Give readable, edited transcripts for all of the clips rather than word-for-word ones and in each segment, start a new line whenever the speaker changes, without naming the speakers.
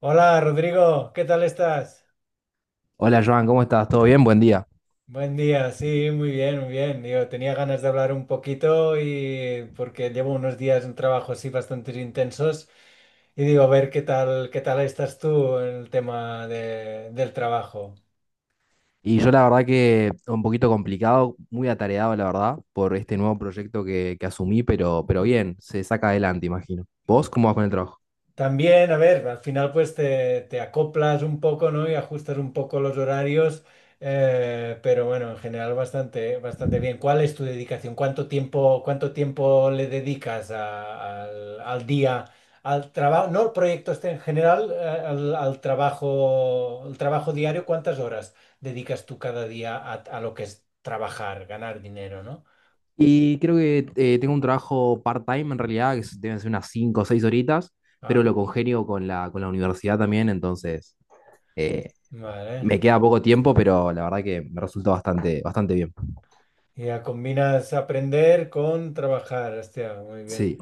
Hola Rodrigo, ¿qué tal estás?
Hola Joan, ¿cómo estás? ¿Todo bien? Buen día.
Buen día, sí, muy bien, muy bien. Yo tenía ganas de hablar un poquito y porque llevo unos días en trabajo así bastante intensos y digo, a ver qué tal estás tú en el tema del trabajo.
Y yo la verdad que un poquito complicado, muy atareado la verdad, por este nuevo proyecto que asumí, pero bien, se saca adelante, imagino. ¿Vos cómo vas con el trabajo?
También, a ver, al final pues te acoplas un poco, ¿no? Y ajustas un poco los horarios, pero bueno, en general bastante, bastante bien. ¿Cuál es tu dedicación? ¿Cuánto tiempo le dedicas al día, al trabajo, no el proyecto este en general, al trabajo, el trabajo diario? ¿Cuántas horas dedicas tú cada día a lo que es trabajar, ganar dinero, ¿no?
Y creo que tengo un trabajo part-time en realidad, deben ser unas 5 o 6 horitas, pero
Ah,
lo congenio con la universidad también, entonces eh,
vale.
me queda poco tiempo, pero la verdad que me resulta bastante, bastante bien.
Y ya combinas aprender con trabajar. Hostia, muy bien.
Sí.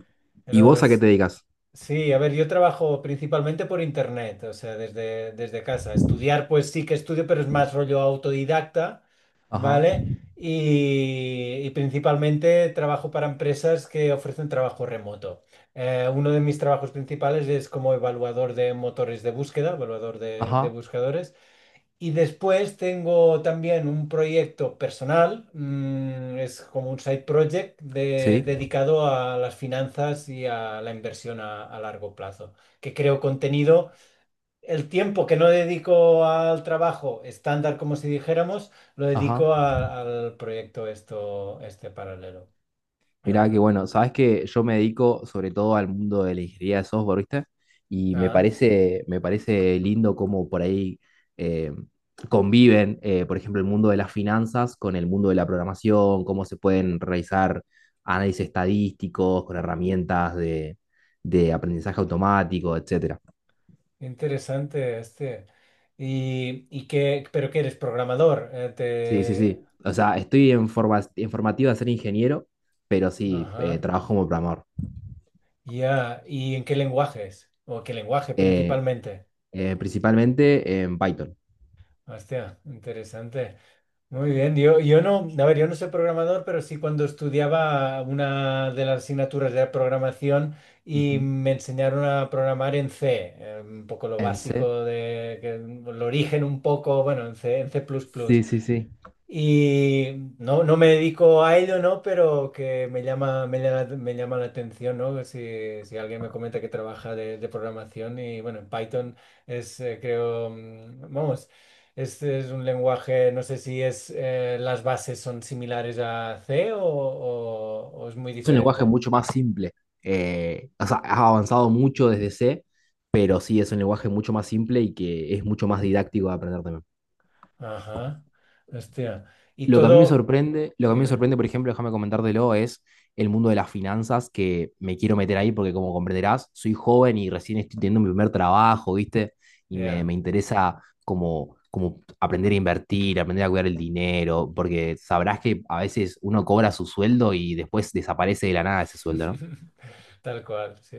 ¿Y
No,
vos a qué
es,
te dedicas?
sí, a ver, yo trabajo principalmente por internet, o sea, desde casa. Estudiar, pues sí que estudio, pero es más rollo autodidacta,
Ajá,
¿vale? Y principalmente trabajo para empresas que ofrecen trabajo remoto. Uno de mis trabajos principales es como evaluador de motores de búsqueda, evaluador de
ajá,
buscadores. Y después tengo también un proyecto personal, es como un side project
sí,
dedicado a las finanzas y a la inversión a largo plazo, que creo contenido. El tiempo que no dedico al trabajo estándar, como si dijéramos, lo
ajá.
dedico al proyecto esto, este paralelo. Ah,
Mirá que
bueno,
bueno, sabes que yo me dedico sobre todo al mundo de la ingeniería de software, ¿viste? Y
ah,
me parece lindo cómo por ahí eh, conviven, por ejemplo, el mundo de las finanzas con el mundo de la programación, cómo se pueden realizar análisis estadísticos con herramientas de aprendizaje automático, etcétera.
interesante este. Y qué, pero que eres programador,
Sí, sí,
te...
sí. O sea, estoy en forma, en formativa de ser ingeniero, pero sí,
Ajá.
trabajo como programador.
Ya, ¿y en qué lenguajes? ¿O qué lenguaje
Eh,
principalmente?
Principalmente en Python.
Hostia, interesante. Muy bien, yo no, a ver, yo no soy programador, pero sí cuando estudiaba una de las asignaturas de programación y
Ujú.
me enseñaron a programar en C, un poco lo
En C.
básico de, el origen un poco, bueno, en C, en C++.
Sí, sí, sí.
Y no, no me dedico a ello, ¿no? Pero que me llama, me llama, me llama la atención, ¿no? Si alguien me comenta que trabaja de programación y bueno, en Python es, creo, vamos, es un lenguaje, no sé si es, las bases son similares a C o es muy
Es un lenguaje
diferente.
mucho más simple. O sea, has avanzado mucho desde C, pero sí es un lenguaje mucho más simple y que es mucho más didáctico de aprender también.
Ajá, hostia. Y
Lo que a mí me
todo,
sorprende, lo que a mí me
dime,
sorprende, por ejemplo, déjame comentártelo, es el mundo de las finanzas que me quiero meter ahí porque, como comprenderás, soy joven y recién estoy teniendo mi primer trabajo, ¿viste? Y me,
ya.
me interesa como, como aprender a invertir, aprender a cuidar el dinero, porque sabrás que a veces uno cobra su sueldo y después desaparece de la nada ese sueldo, ¿no?
Tal cual, sí.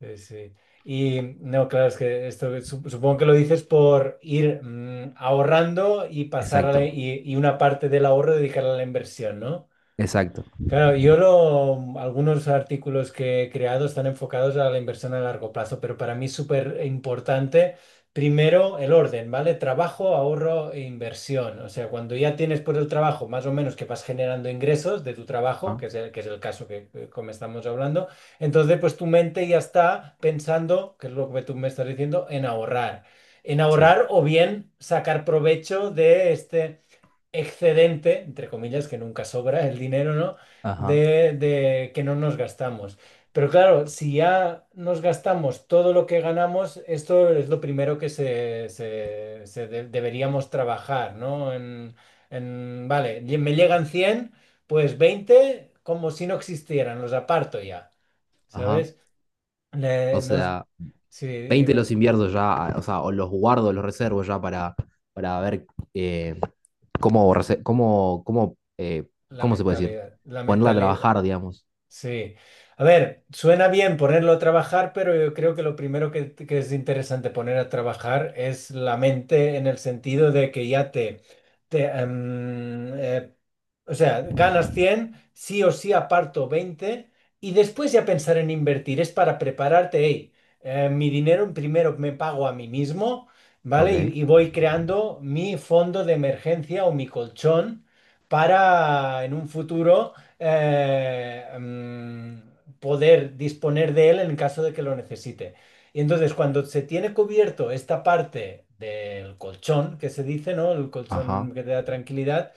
Sí, sí. Y no, claro, es que esto supongo que lo dices por ir ahorrando y pasar
Exacto,
y una parte del ahorro dedicarla a la inversión, ¿no?
exacto.
Claro, algunos artículos que he creado están enfocados a la inversión a largo plazo, pero para mí es súper importante, primero, el orden, ¿vale? Trabajo, ahorro e inversión. O sea, cuando ya tienes por el trabajo más o menos que vas generando ingresos de tu trabajo,
Ajá,
que es el caso como estamos hablando, entonces pues tu mente ya está pensando, que es lo que tú me estás diciendo, en ahorrar. En
sí,
ahorrar o bien sacar provecho de este excedente, entre comillas, que nunca sobra el dinero, ¿no?
ajá,
De que no nos gastamos. Pero claro, si ya nos gastamos todo lo que ganamos, esto es lo primero que deberíamos trabajar, ¿no? Vale, me llegan cien, pues 20 como si no existieran, los aparto ya,
ajá.
¿sabes?
O
Le- nos-
sea,
sí,
20 los
dime,
invierto ya, ah, o sea, o los guardo, los reservo ya para ver eh, cómo, rese- cómo, cómo,
la
cómo se puede decir,
mentalidad, la
ponerla a
mentalidad.
trabajar, digamos.
Sí. A ver, suena bien ponerlo a trabajar, pero yo creo que lo primero que es interesante poner a trabajar es la mente en el sentido de que ya te, em, eh, o sea, ganas 100 sí o sí aparto 20 y después ya pensar en invertir. Es para prepararte, hey, mi dinero primero me pago a mí mismo,
Ok,
¿vale? Y voy creando mi fondo de emergencia o mi colchón para en un futuro poder disponer de él en caso de que lo necesite. Y entonces, cuando se tiene cubierto esta parte del colchón, que se dice, ¿no? El colchón
ajá.
que te da tranquilidad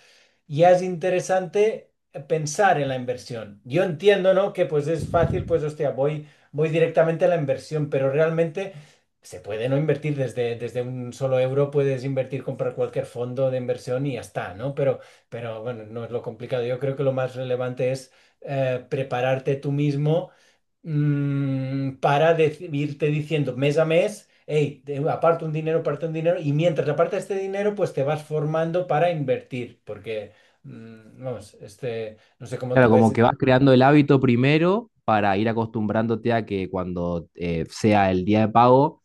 ya es interesante pensar en la inversión. Yo entiendo, ¿no? Que pues es fácil, pues hostia, voy directamente a la inversión, pero realmente se puede no invertir desde un solo euro, puedes invertir, comprar cualquier fondo de inversión y ya está, ¿no? Pero bueno, no es lo complicado. Yo creo que lo más relevante es prepararte tú mismo para irte diciendo mes a mes, hey, aparte un dinero, y mientras apartas este dinero, pues te vas formando para invertir, porque vamos, este, no sé cómo tú
Claro, como que
ves.
vas creando el hábito primero para ir acostumbrándote a que cuando sea el día de pago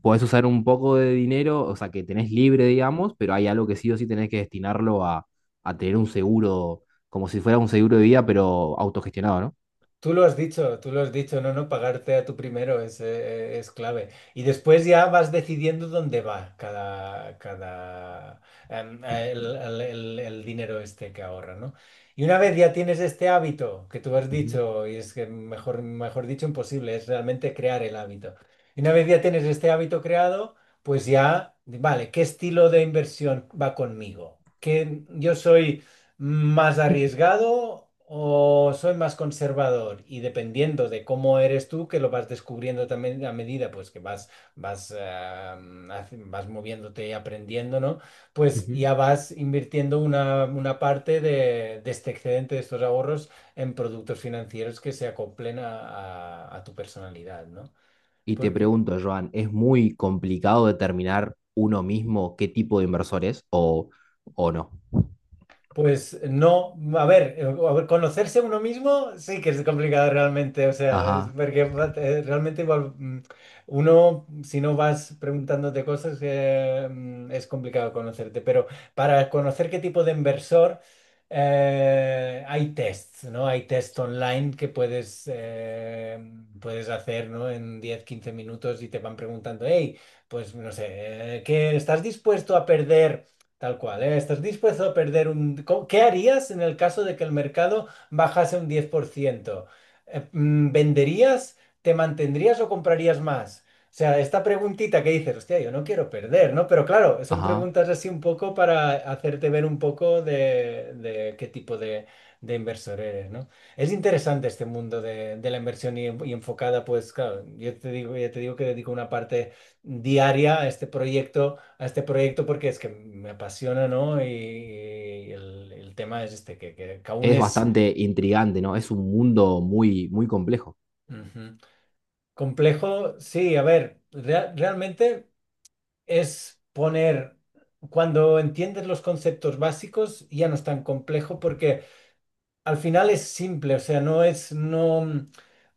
podés usar un poco de dinero, o sea, que tenés libre, digamos, pero hay algo que sí o sí tenés que destinarlo a tener un seguro, como si fuera un seguro de vida, pero autogestionado, ¿no?
Tú lo has dicho, tú lo has dicho, no, no, pagarte a tu primero es clave. Y después ya vas decidiendo dónde va cada, cada, em, el dinero este que ahorra, ¿no? Y una vez ya tienes este hábito que tú has
Ujú,
dicho, y es que mejor, mejor dicho, imposible, es realmente crear el hábito. Y una vez ya tienes este hábito creado, pues ya, vale, ¿qué estilo de inversión va conmigo? Que yo soy. ¿Más arriesgado o soy más conservador? Y dependiendo de cómo eres tú, que lo vas descubriendo también a medida pues que vas moviéndote y aprendiendo, ¿no? Pues
ujú.
ya vas invirtiendo una parte de este excedente, de estos ahorros, en productos financieros que se acoplen a tu personalidad, ¿no?
Y te pregunto, Joan, ¿es muy complicado determinar uno mismo qué tipo de inversor es, o no?
Pues no, a ver, conocerse a uno mismo sí que es complicado realmente, o sea, es
Ajá,
porque realmente igual uno, si no vas preguntándote cosas, es complicado conocerte, pero para conocer qué tipo de inversor hay tests, ¿no? Hay tests online que puedes hacer, ¿no? En 10 15 minutos y te van preguntando, hey, pues no sé, ¿qué estás dispuesto a perder? Tal cual, ¿eh? ¿Estás dispuesto a perder? ¿Qué harías en el caso de que el mercado bajase un 10%? ¿Venderías, te mantendrías o comprarías más? O sea, esta preguntita que dices, hostia, yo no quiero perder, ¿no? Pero claro, son
ajá.
preguntas así un poco para hacerte ver un poco de qué tipo de inversor eres, ¿no? Es interesante este mundo de la inversión y enfocada, pues claro, yo te digo, ya te digo que dedico una parte diaria a este proyecto porque es que me apasiona, ¿no? Y el tema es este, que aún
Es
es.
bastante intrigante, ¿no? Es un mundo muy, muy complejo.
Ujú. Complejo. Sí, a ver, realmente es poner, cuando entiendes los conceptos básicos, ya no es tan complejo porque al final es simple, o sea, no es, no, mm,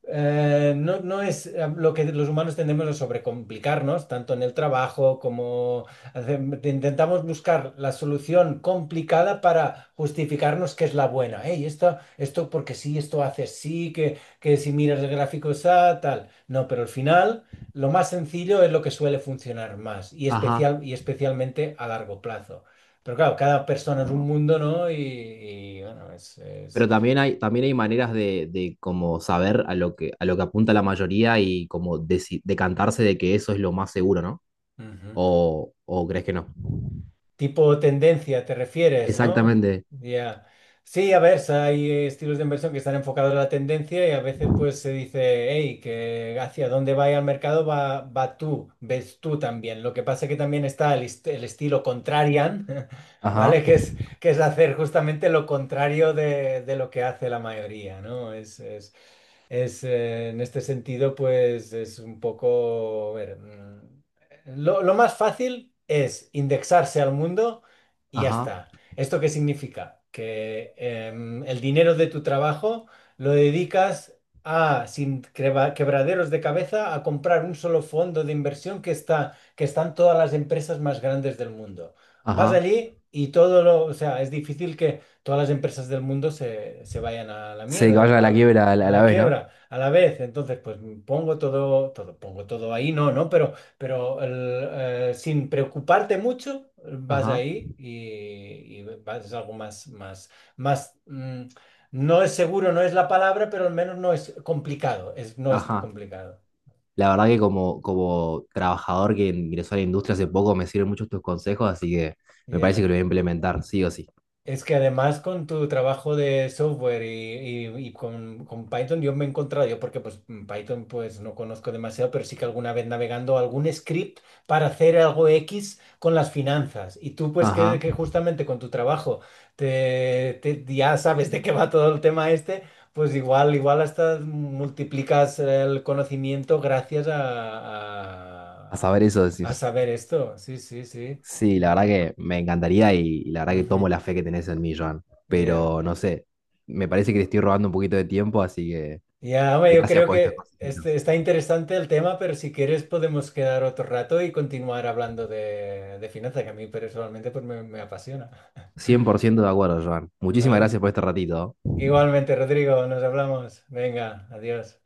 eh, no, no es lo que los humanos tendemos a sobrecomplicarnos, tanto en el trabajo como intentamos buscar la solución complicada para justificarnos que es la buena. Hey, esto porque sí, esto hace sí, que si miras el gráfico está tal. No, pero al final lo más sencillo es lo que suele funcionar más y
Ajá.
especialmente a largo plazo. Pero claro, cada persona es un mundo, ¿no? Y bueno.
Pero también hay maneras de como saber a lo que apunta la mayoría y como decantarse de que eso es lo más seguro, ¿no?
Ujú.
O crees que no?
Tipo tendencia, te refieres, ¿no?
Exactamente.
Ya. Sí, a ver, hay estilos de inversión que están enfocados a la tendencia y a veces pues se dice, hey, que hacia dónde vaya el mercado va tú, ves tú también. Lo que pasa que también está el estilo contrarian,
Ajá,
¿vale? que es, hacer justamente lo contrario de lo que hace la mayoría, ¿no? En este sentido, pues es un poco... a ver, lo más fácil es indexarse al mundo y ya
ajá,
está. ¿Esto qué significa? Que el dinero de tu trabajo lo dedicas, a, sin creba- quebraderos de cabeza, a comprar un solo fondo de inversión que están todas las empresas más grandes del mundo. Vas
ajá.
allí y todo lo... O sea, es difícil que todas las empresas del mundo se vayan a la
Sí, que
mierda.
vayan a la
va-
quiebra
a
a la
la
vez, ¿no?
quiebra, a la vez. Entonces, pues pongo todo, todo, pongo todo ahí, no, no, pero sin preocuparte mucho, vas
Ajá,
ahí y vas, es algo más, más, más, no es seguro, no es la palabra, pero al menos no es complicado, no es
ajá.
complicado.
La verdad que como, como trabajador que ingresó a la industria hace poco me sirven muchos tus consejos, así que me parece
Yeah.
que lo voy a implementar, sí o sí.
Es que además con tu trabajo de software y con Python yo me he encontrado, yo porque pues Python pues no conozco demasiado, pero sí que alguna vez navegando algún script para hacer algo X con las finanzas. Y tú pues que,
Ajá.
que justamente con tu trabajo ya sabes de qué va todo el tema este, pues igual, igual hasta multiplicas el conocimiento gracias a,
A saber
al-
eso
a
decís.
saber esto. Sí, sí, sí.
Sí,
A
la verdad
ver.
que me encantaría y la verdad que
Ujú.
tomo la fe que tenés en mí, Joan.
Yeah.
Pero no sé, me parece que te estoy robando un poquito de tiempo, así que
Ya, hombre, yo
gracias
creo
por estas
que este,
cositas.
está interesante el tema, pero si quieres podemos quedar otro rato y continuar hablando de finanzas, que a mí personalmente pues me apasiona.
100% de acuerdo, Joan. Muchísimas
¿Vale?
gracias por este ratito.
Igualmente, Rodrigo, nos hablamos. Venga, adiós.